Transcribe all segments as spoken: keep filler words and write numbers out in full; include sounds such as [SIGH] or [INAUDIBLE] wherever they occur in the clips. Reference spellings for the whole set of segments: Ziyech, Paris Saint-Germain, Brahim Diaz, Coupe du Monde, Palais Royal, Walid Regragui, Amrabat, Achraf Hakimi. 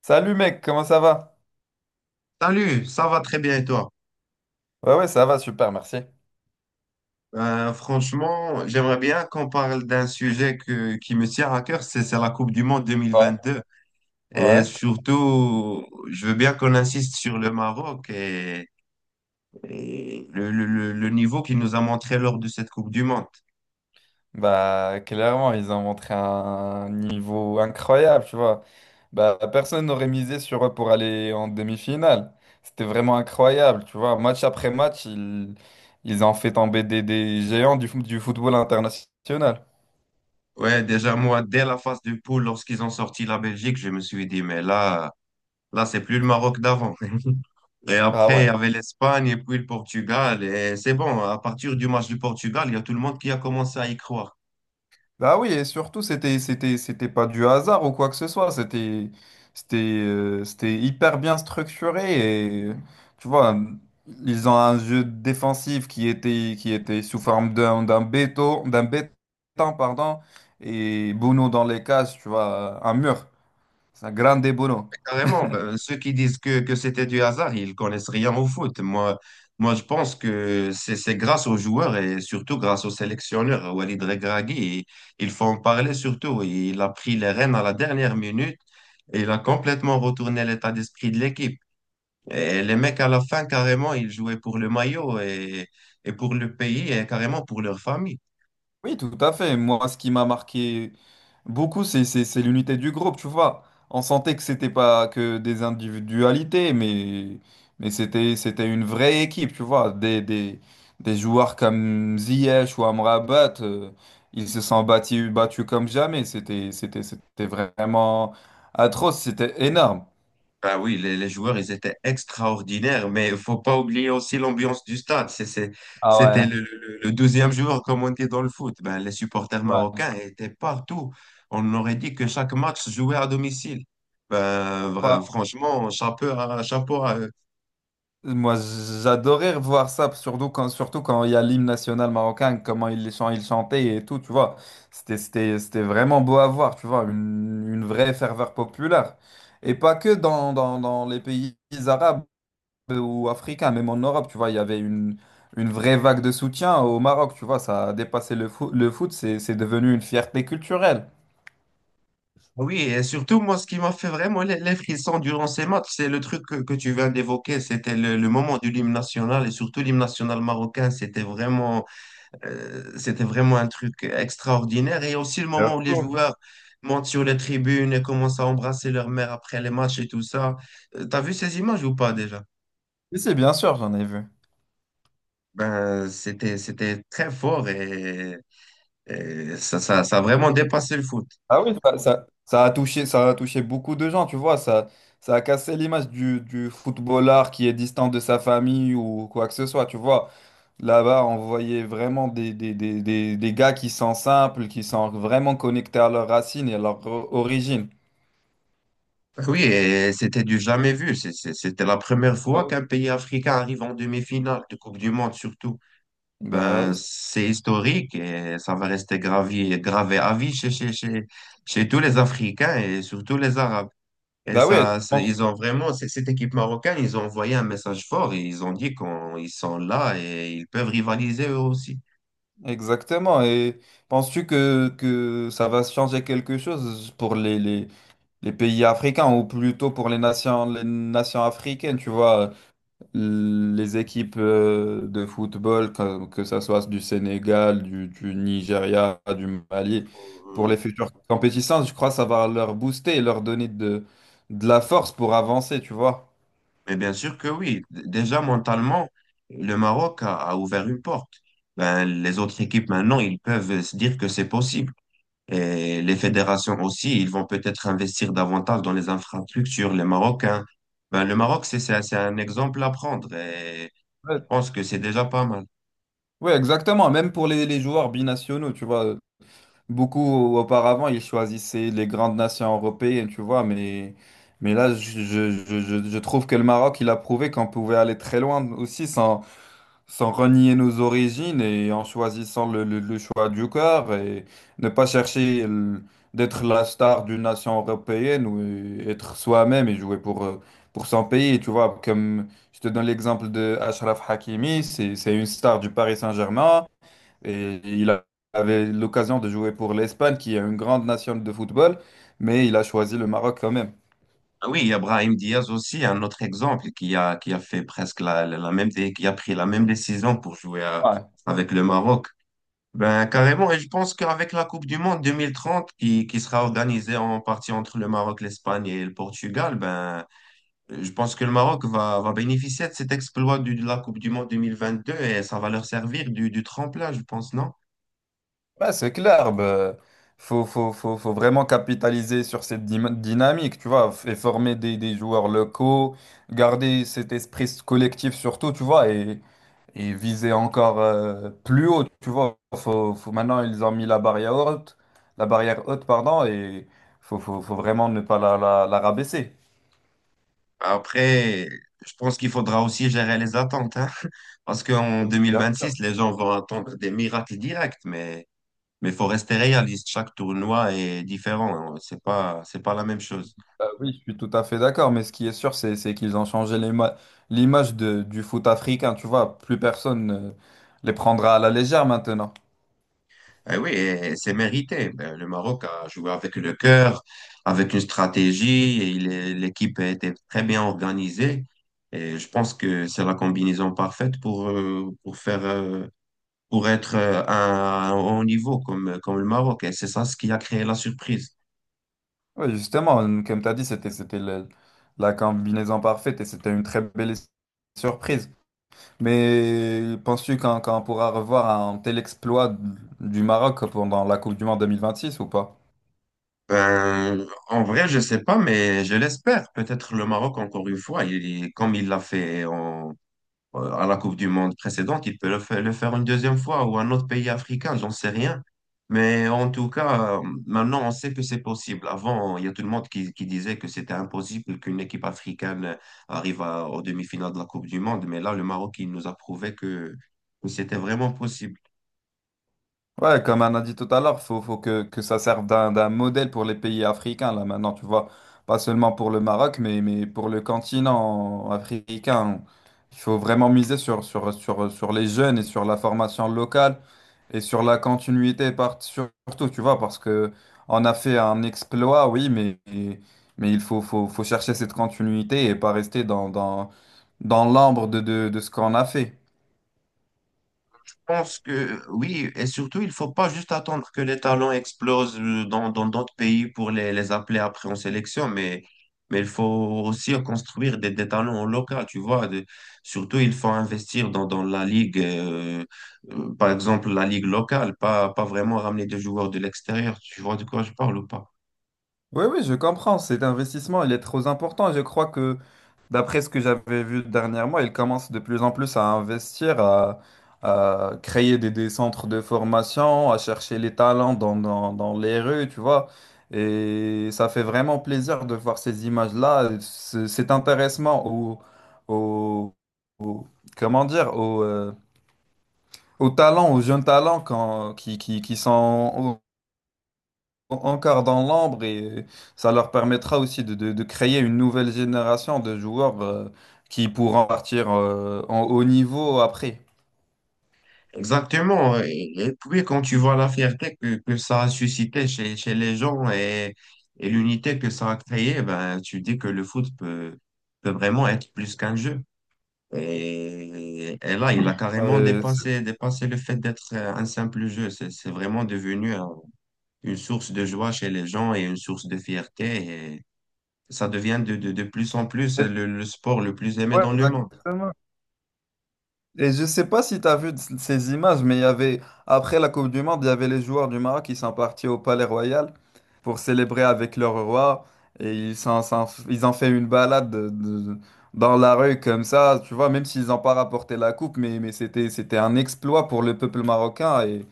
Salut mec, comment ça va? Salut, ça va très bien et toi? Ouais, ouais, ça va, super, merci. Euh, franchement, j'aimerais bien qu'on parle d'un sujet que, qui me tient à cœur, c'est c'est la Coupe du Monde Ouais. deux mille vingt-deux. Et Ouais, surtout, je veux bien qu'on insiste sur le Maroc et, et le, le- le- le niveau qu'il nous a montré lors de cette Coupe du Monde. bah clairement, ils ont montré un niveau incroyable, tu vois. Bah personne n'aurait misé sur eux pour aller en demi-finale. C'était vraiment incroyable, tu vois. Match après match, ils, ils ont fait tomber des, des géants du, fo- du football international. Ouais, déjà moi, dès la phase de poule, lorsqu'ils ont sorti la Belgique, je me suis dit, mais là, là, c'est plus le Maroc d'avant. [LAUGHS] Et Ah après, il y ouais. avait l'Espagne et puis le Portugal. Et c'est bon, à partir du match du Portugal, il y a tout le monde qui a commencé à y croire. Bah oui, et surtout, c'était, c'était, c'était pas du hasard ou quoi que ce soit. C'était, c'était, euh, c'était hyper bien structuré et tu vois, ils ont un jeu défensif qui était, qui était sous forme d'un, d'un béton, d'un béton, pardon, et Bono dans les cases, tu vois, un mur. C'est un grande Bono. Carrément, ben, ceux qui disent que, que c'était du hasard, ils connaissent rien au foot. Moi, moi je pense que c'est c'est grâce aux joueurs et surtout grâce au sélectionneur, Walid Regragui. Il faut en parler surtout. Il a pris les rênes à la dernière minute et il a complètement retourné l'état d'esprit de l'équipe. Et les mecs, à la fin, carrément, ils jouaient pour le maillot et, et pour le pays et carrément pour leur famille. Oui, tout à fait. Moi, ce qui m'a marqué beaucoup, c'est c'est- c'est l'unité du groupe, tu vois. On sentait que c'était pas que des individualités, mais, mais c'était c'était une vraie équipe, tu vois. Des, des, des joueurs comme Ziyech ou Amrabat, euh, ils se sont battus, battus comme jamais. C'était c'était c'était vraiment atroce, c'était énorme. Ben oui, les, les joueurs, ils étaient extraordinaires, mais il faut pas oublier aussi l'ambiance du stade. C'est, c'est- Ah C'était ouais. le, le- le deuxième jour comme on dit dans le foot. Ben, les supporters Ouais. marocains étaient partout. On aurait dit que chaque match se jouait à domicile. Ben, Ouais. vra- franchement, chapeau à, chapeau à eux. Moi, j'adorais revoir ça, surtout quand, surtout quand il y a l'hymne national marocain, comment ils les chan- ils chantaient et tout, tu vois. C'était, c'était, c'était vraiment beau à voir, tu vois, une, une vraie ferveur populaire. Et pas que dans, dans, dans les pays arabes ou africains, même en Europe, tu vois, il y avait une, une vraie vague de soutien au Maroc, tu vois, ça a dépassé le foot, le foot, c'est, c'est devenu une fierté culturelle. Ah oui, et surtout, moi, ce qui m'a fait vraiment les, les frissons durant ces matchs, c'est le truc que, que tu viens d'évoquer. C'était le, le moment du hymne national et surtout l'hymne national marocain. C'était vraiment... Euh, c'était vraiment un truc extraordinaire. Et aussi le De moment où les fou. joueurs montent sur les tribunes et commencent à embrasser leur mère après les matchs et tout ça. Euh, T'as vu ces images ou pas déjà? Et c'est bien sûr, j'en ai vu. Ben, c'était, c'était très fort et, et ça, ça, ça a vraiment dépassé le foot. Ah oui, ça, ça- ça a touché, ça a touché beaucoup de gens, tu vois, ça, ça a cassé l'image du, du footballeur qui est distant de sa famille ou quoi que ce soit, tu vois. Là-bas, on voyait vraiment des, des, des, des, des gars qui sont simples, qui sont vraiment connectés à leurs racines et à leur o- origine. Ben oui, et c'était du jamais vu. C'est- c'est- C'était la première Ah fois oui. qu'un pays africain arrive en demi-finale de Coupe du Monde, surtout. Bah Ben, oui, c'est historique et ça va rester gravé, gravé à vie chez, chez, chez, chez tous les Africains et surtout les Arabes. Et bah oui, et ça, c'est- ils ont vraiment, c'est- cette équipe marocaine, ils ont envoyé un message fort et ils ont dit qu'ils sont là et ils peuvent rivaliser eux aussi. exactement. Et penses-tu que, que ça va changer quelque chose pour les, les, les pays africains ou plutôt pour les nations, les nations africaines, tu vois? Les équipes euh, de football, que, que ça soit du Sénégal, du, du Nigeria, du Mali, pour Euh, les futures compétitions, je crois que ça va leur booster et leur donner de, de la force pour avancer, tu vois. Mais bien sûr que oui, D- déjà mentalement, le Maroc a, a ouvert une porte. Ben, les autres équipes maintenant, ils peuvent se dire que c'est possible. Et les fédérations aussi, ils vont peut-être investir davantage dans les infrastructures. Les Marocains, ben, le Maroc, c'est c'est- un c'est un exemple à prendre et je Ouais, pense que c'est déjà pas mal. Ouais, exactement. Même pour les, les joueurs binationaux, tu vois. Beaucoup auparavant, ils choisissaient les grandes nations européennes, tu vois. Mais, mais là, je, je, je, je je trouve que le Maroc, il a prouvé qu'on pouvait aller très loin aussi sans, sans renier nos origines et en choisissant le, le- le choix du cœur et ne pas chercher le- d'être la star d'une nation européenne ou euh, être soi-même et jouer pour, euh, pour son pays. Tu vois, comme je te donne l'exemple de Achraf Hakimi, c'est, c'est une star du Paris Saint-Germain et il a- avait l'occasion de jouer pour l'Espagne qui est une grande nation de football, mais il a choisi le Maroc quand même. Ah oui, il y a Brahim Diaz aussi, un autre exemple qui a, qui a fait presque la, la, la même, dé- qui a pris la même décision pour jouer à- avec le Maroc. Ben, carrément, et je pense qu'avec la Coupe du Monde deux mille trente qui, qui sera organisée en partie entre le Maroc, l'Espagne et le Portugal, ben, je pense que le Maroc va, va bénéficier de cet exploit du- de la Coupe du Monde deux mille vingt-deux et ça va leur servir du, du tremplin, je pense, non? Bah, c'est clair, bah, faut, faut, faut, faut vraiment capitaliser sur cette dyma- dynamique, tu vois, et former des, des joueurs locaux, garder cet esprit collectif surtout, tu vois, et, et viser encore euh, plus haut, tu vois. Faut, faut, maintenant, ils ont mis la barrière haute, la barrière haute, pardon, et faut, faut, faut vraiment ne pas la, la, la rabaisser. Après, je pense qu'il faudra aussi gérer les attentes, hein, [LAUGHS] parce qu'en Bien. deux mille vingt-six, les gens vont attendre des miracles directs, mais mais faut rester réaliste. Chaque tournoi est différent, hein. C'est pas, c'est pas la même chose. Bah oui, je suis tout à fait d'accord, mais ce qui est sûr, c'est c'est qu'ils ont changé l'ima- l'image de- du foot africain, tu vois, plus personne ne les prendra à la légère maintenant. Eh oui, et c'est mérité. Ben, le Maroc a joué avec le cœur, avec une stratégie, et il est- l'équipe a été très bien organisée. Et je pense que c'est la combinaison parfaite pour, euh, pour faire, euh, pour être euh, à un haut niveau comme, comme le Maroc. Et c'est ça ce qui a créé la surprise. Oui, justement, comme tu as dit, c'était c'était le- la combinaison parfaite et c'était une très belle surprise. Mais penses-tu qu'on qu'on pourra revoir un tel exploit du Maroc pendant la Coupe du Monde deux mille vingt-six ou pas? Ben, en vrai, je sais pas, mais je l'espère. Peut-être le Maroc, encore une fois, il, comme il l'a fait en euh, à la Coupe du Monde précédente, il peut le faire, le faire une deuxième fois ou un autre pays africain, j'en sais rien. Mais en tout cas, euh, maintenant, on sait que c'est possible. Avant, il y a tout le monde qui, qui disait que c'était impossible qu'une équipe africaine arrive à- aux demi-finales de la Coupe du Monde. Mais là, le Maroc, il nous a prouvé que, que c'était vraiment possible. Ouais, comme on a dit tout à l'heure, faut, faut que, que ça serve d'un d'un modèle pour les pays africains, là, maintenant, tu vois. Pas seulement pour le Maroc, mais, mais pour le continent africain. Il faut vraiment miser sur, sur, sur, sur les jeunes et sur la formation locale et sur la continuité, par- surtout, tu vois, parce que on a fait un exploit, oui, mais, mais il faut, faut, faut chercher cette continuité et pas rester dans, dans, dans l'ambre de, de, de ce qu'on a fait. Pense que oui, et surtout, il faut pas juste attendre que les talents explosent euh, dans, dans d'autres pays pour les, les appeler après en sélection, mais, mais il faut aussi construire des, des talents au local, tu vois. De- surtout, il faut investir dans, dans la ligue, euh, euh, par exemple, la ligue locale, pas, pas vraiment ramener des joueurs de l'extérieur, tu vois de quoi je parle ou pas? Oui, oui, je comprends. Cet investissement, il est trop important. Je crois que d'après ce que j'avais vu dernièrement, ils commencent de plus en plus à investir, à, à créer des, des centres de formation, à chercher les talents dans, dans- dans les rues, tu vois. Et ça fait vraiment plaisir de voir ces images-là, ce- cet intéressement au, au- au- comment dire, au, euh, aux talents, aux jeunes talents quand- qui, qui, qui sont encore dans l'ombre et euh, ça leur permettra aussi de, de- de créer une nouvelle génération de joueurs euh, qui pourront partir euh, en haut niveau après. Exactement. Et, et puis, quand tu vois la fierté que, que ça a suscité chez, chez les gens et, et l'unité que ça a créé, ben, tu dis que le foot peut, peut vraiment être plus qu'un jeu. Et, et là, il a carrément Euh, dépassé, dépassé le fait d'être euh, un simple jeu. C'est, c'est vraiment devenu euh, une source de joie chez les gens et une source de fierté. Et ça devient de, de, de plus en plus c'est- le, le sport le plus aimé ouais, dans le monde. exactement. Et je sais pas si tu as vu c- ces images, mais il y avait, après la Coupe du Monde, il y avait les joueurs du Maroc qui sont partis au Palais Royal pour célébrer avec leur roi. Et ils s'en- s'en- ils ont fait une balade de- de- dans la rue comme ça, tu vois, même s'ils n'ont pas rapporté la coupe, mais, mais c'était, c'était un exploit pour le peuple marocain et,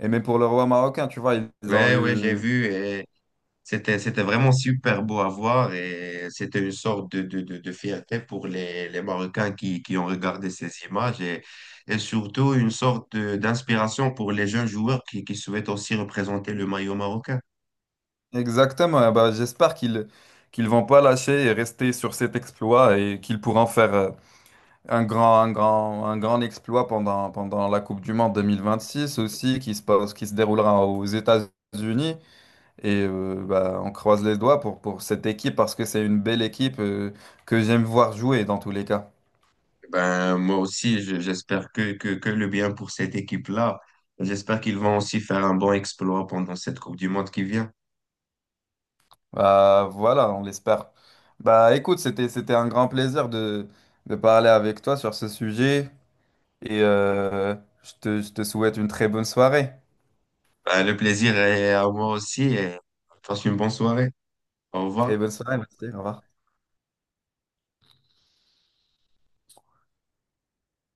et même pour le roi marocain, tu vois, ils ont Ouais, ouais, j'ai eu... vu. C'était, c'était vraiment super beau à voir et c'était une sorte de, de, de, de fierté pour les, les Marocains qui, qui ont regardé ces images et, et surtout une sorte de- d'inspiration pour les jeunes joueurs qui, qui souhaitent aussi représenter le maillot marocain. Exactement, eh ben, j'espère qu'ils qu'ils vont pas lâcher et rester sur cet exploit et qu'ils pourront faire... euh, un grand, un grand, un grand exploit pendant, pendant la Coupe du Monde deux mille vingt-six aussi, qui se passe, qui se déroulera aux États-Unis. Et euh, bah, on croise les doigts pour, pour cette équipe parce que c'est une belle équipe euh, que j'aime voir jouer dans tous les cas. Ben, moi aussi, je- j'espère que, que, que le bien pour cette équipe-là. J'espère qu'ils vont aussi faire un bon exploit pendant cette Coupe du Monde qui vient. Bah, voilà, on l'espère. Bah, écoute, c'était, c'était un grand plaisir de, de parler avec toi sur ce sujet. Et euh, je te, je te souhaite une très bonne soirée. Ben, le plaisir est à moi aussi et passe une bonne soirée. Au Très revoir. bonne soirée, merci. Au revoir.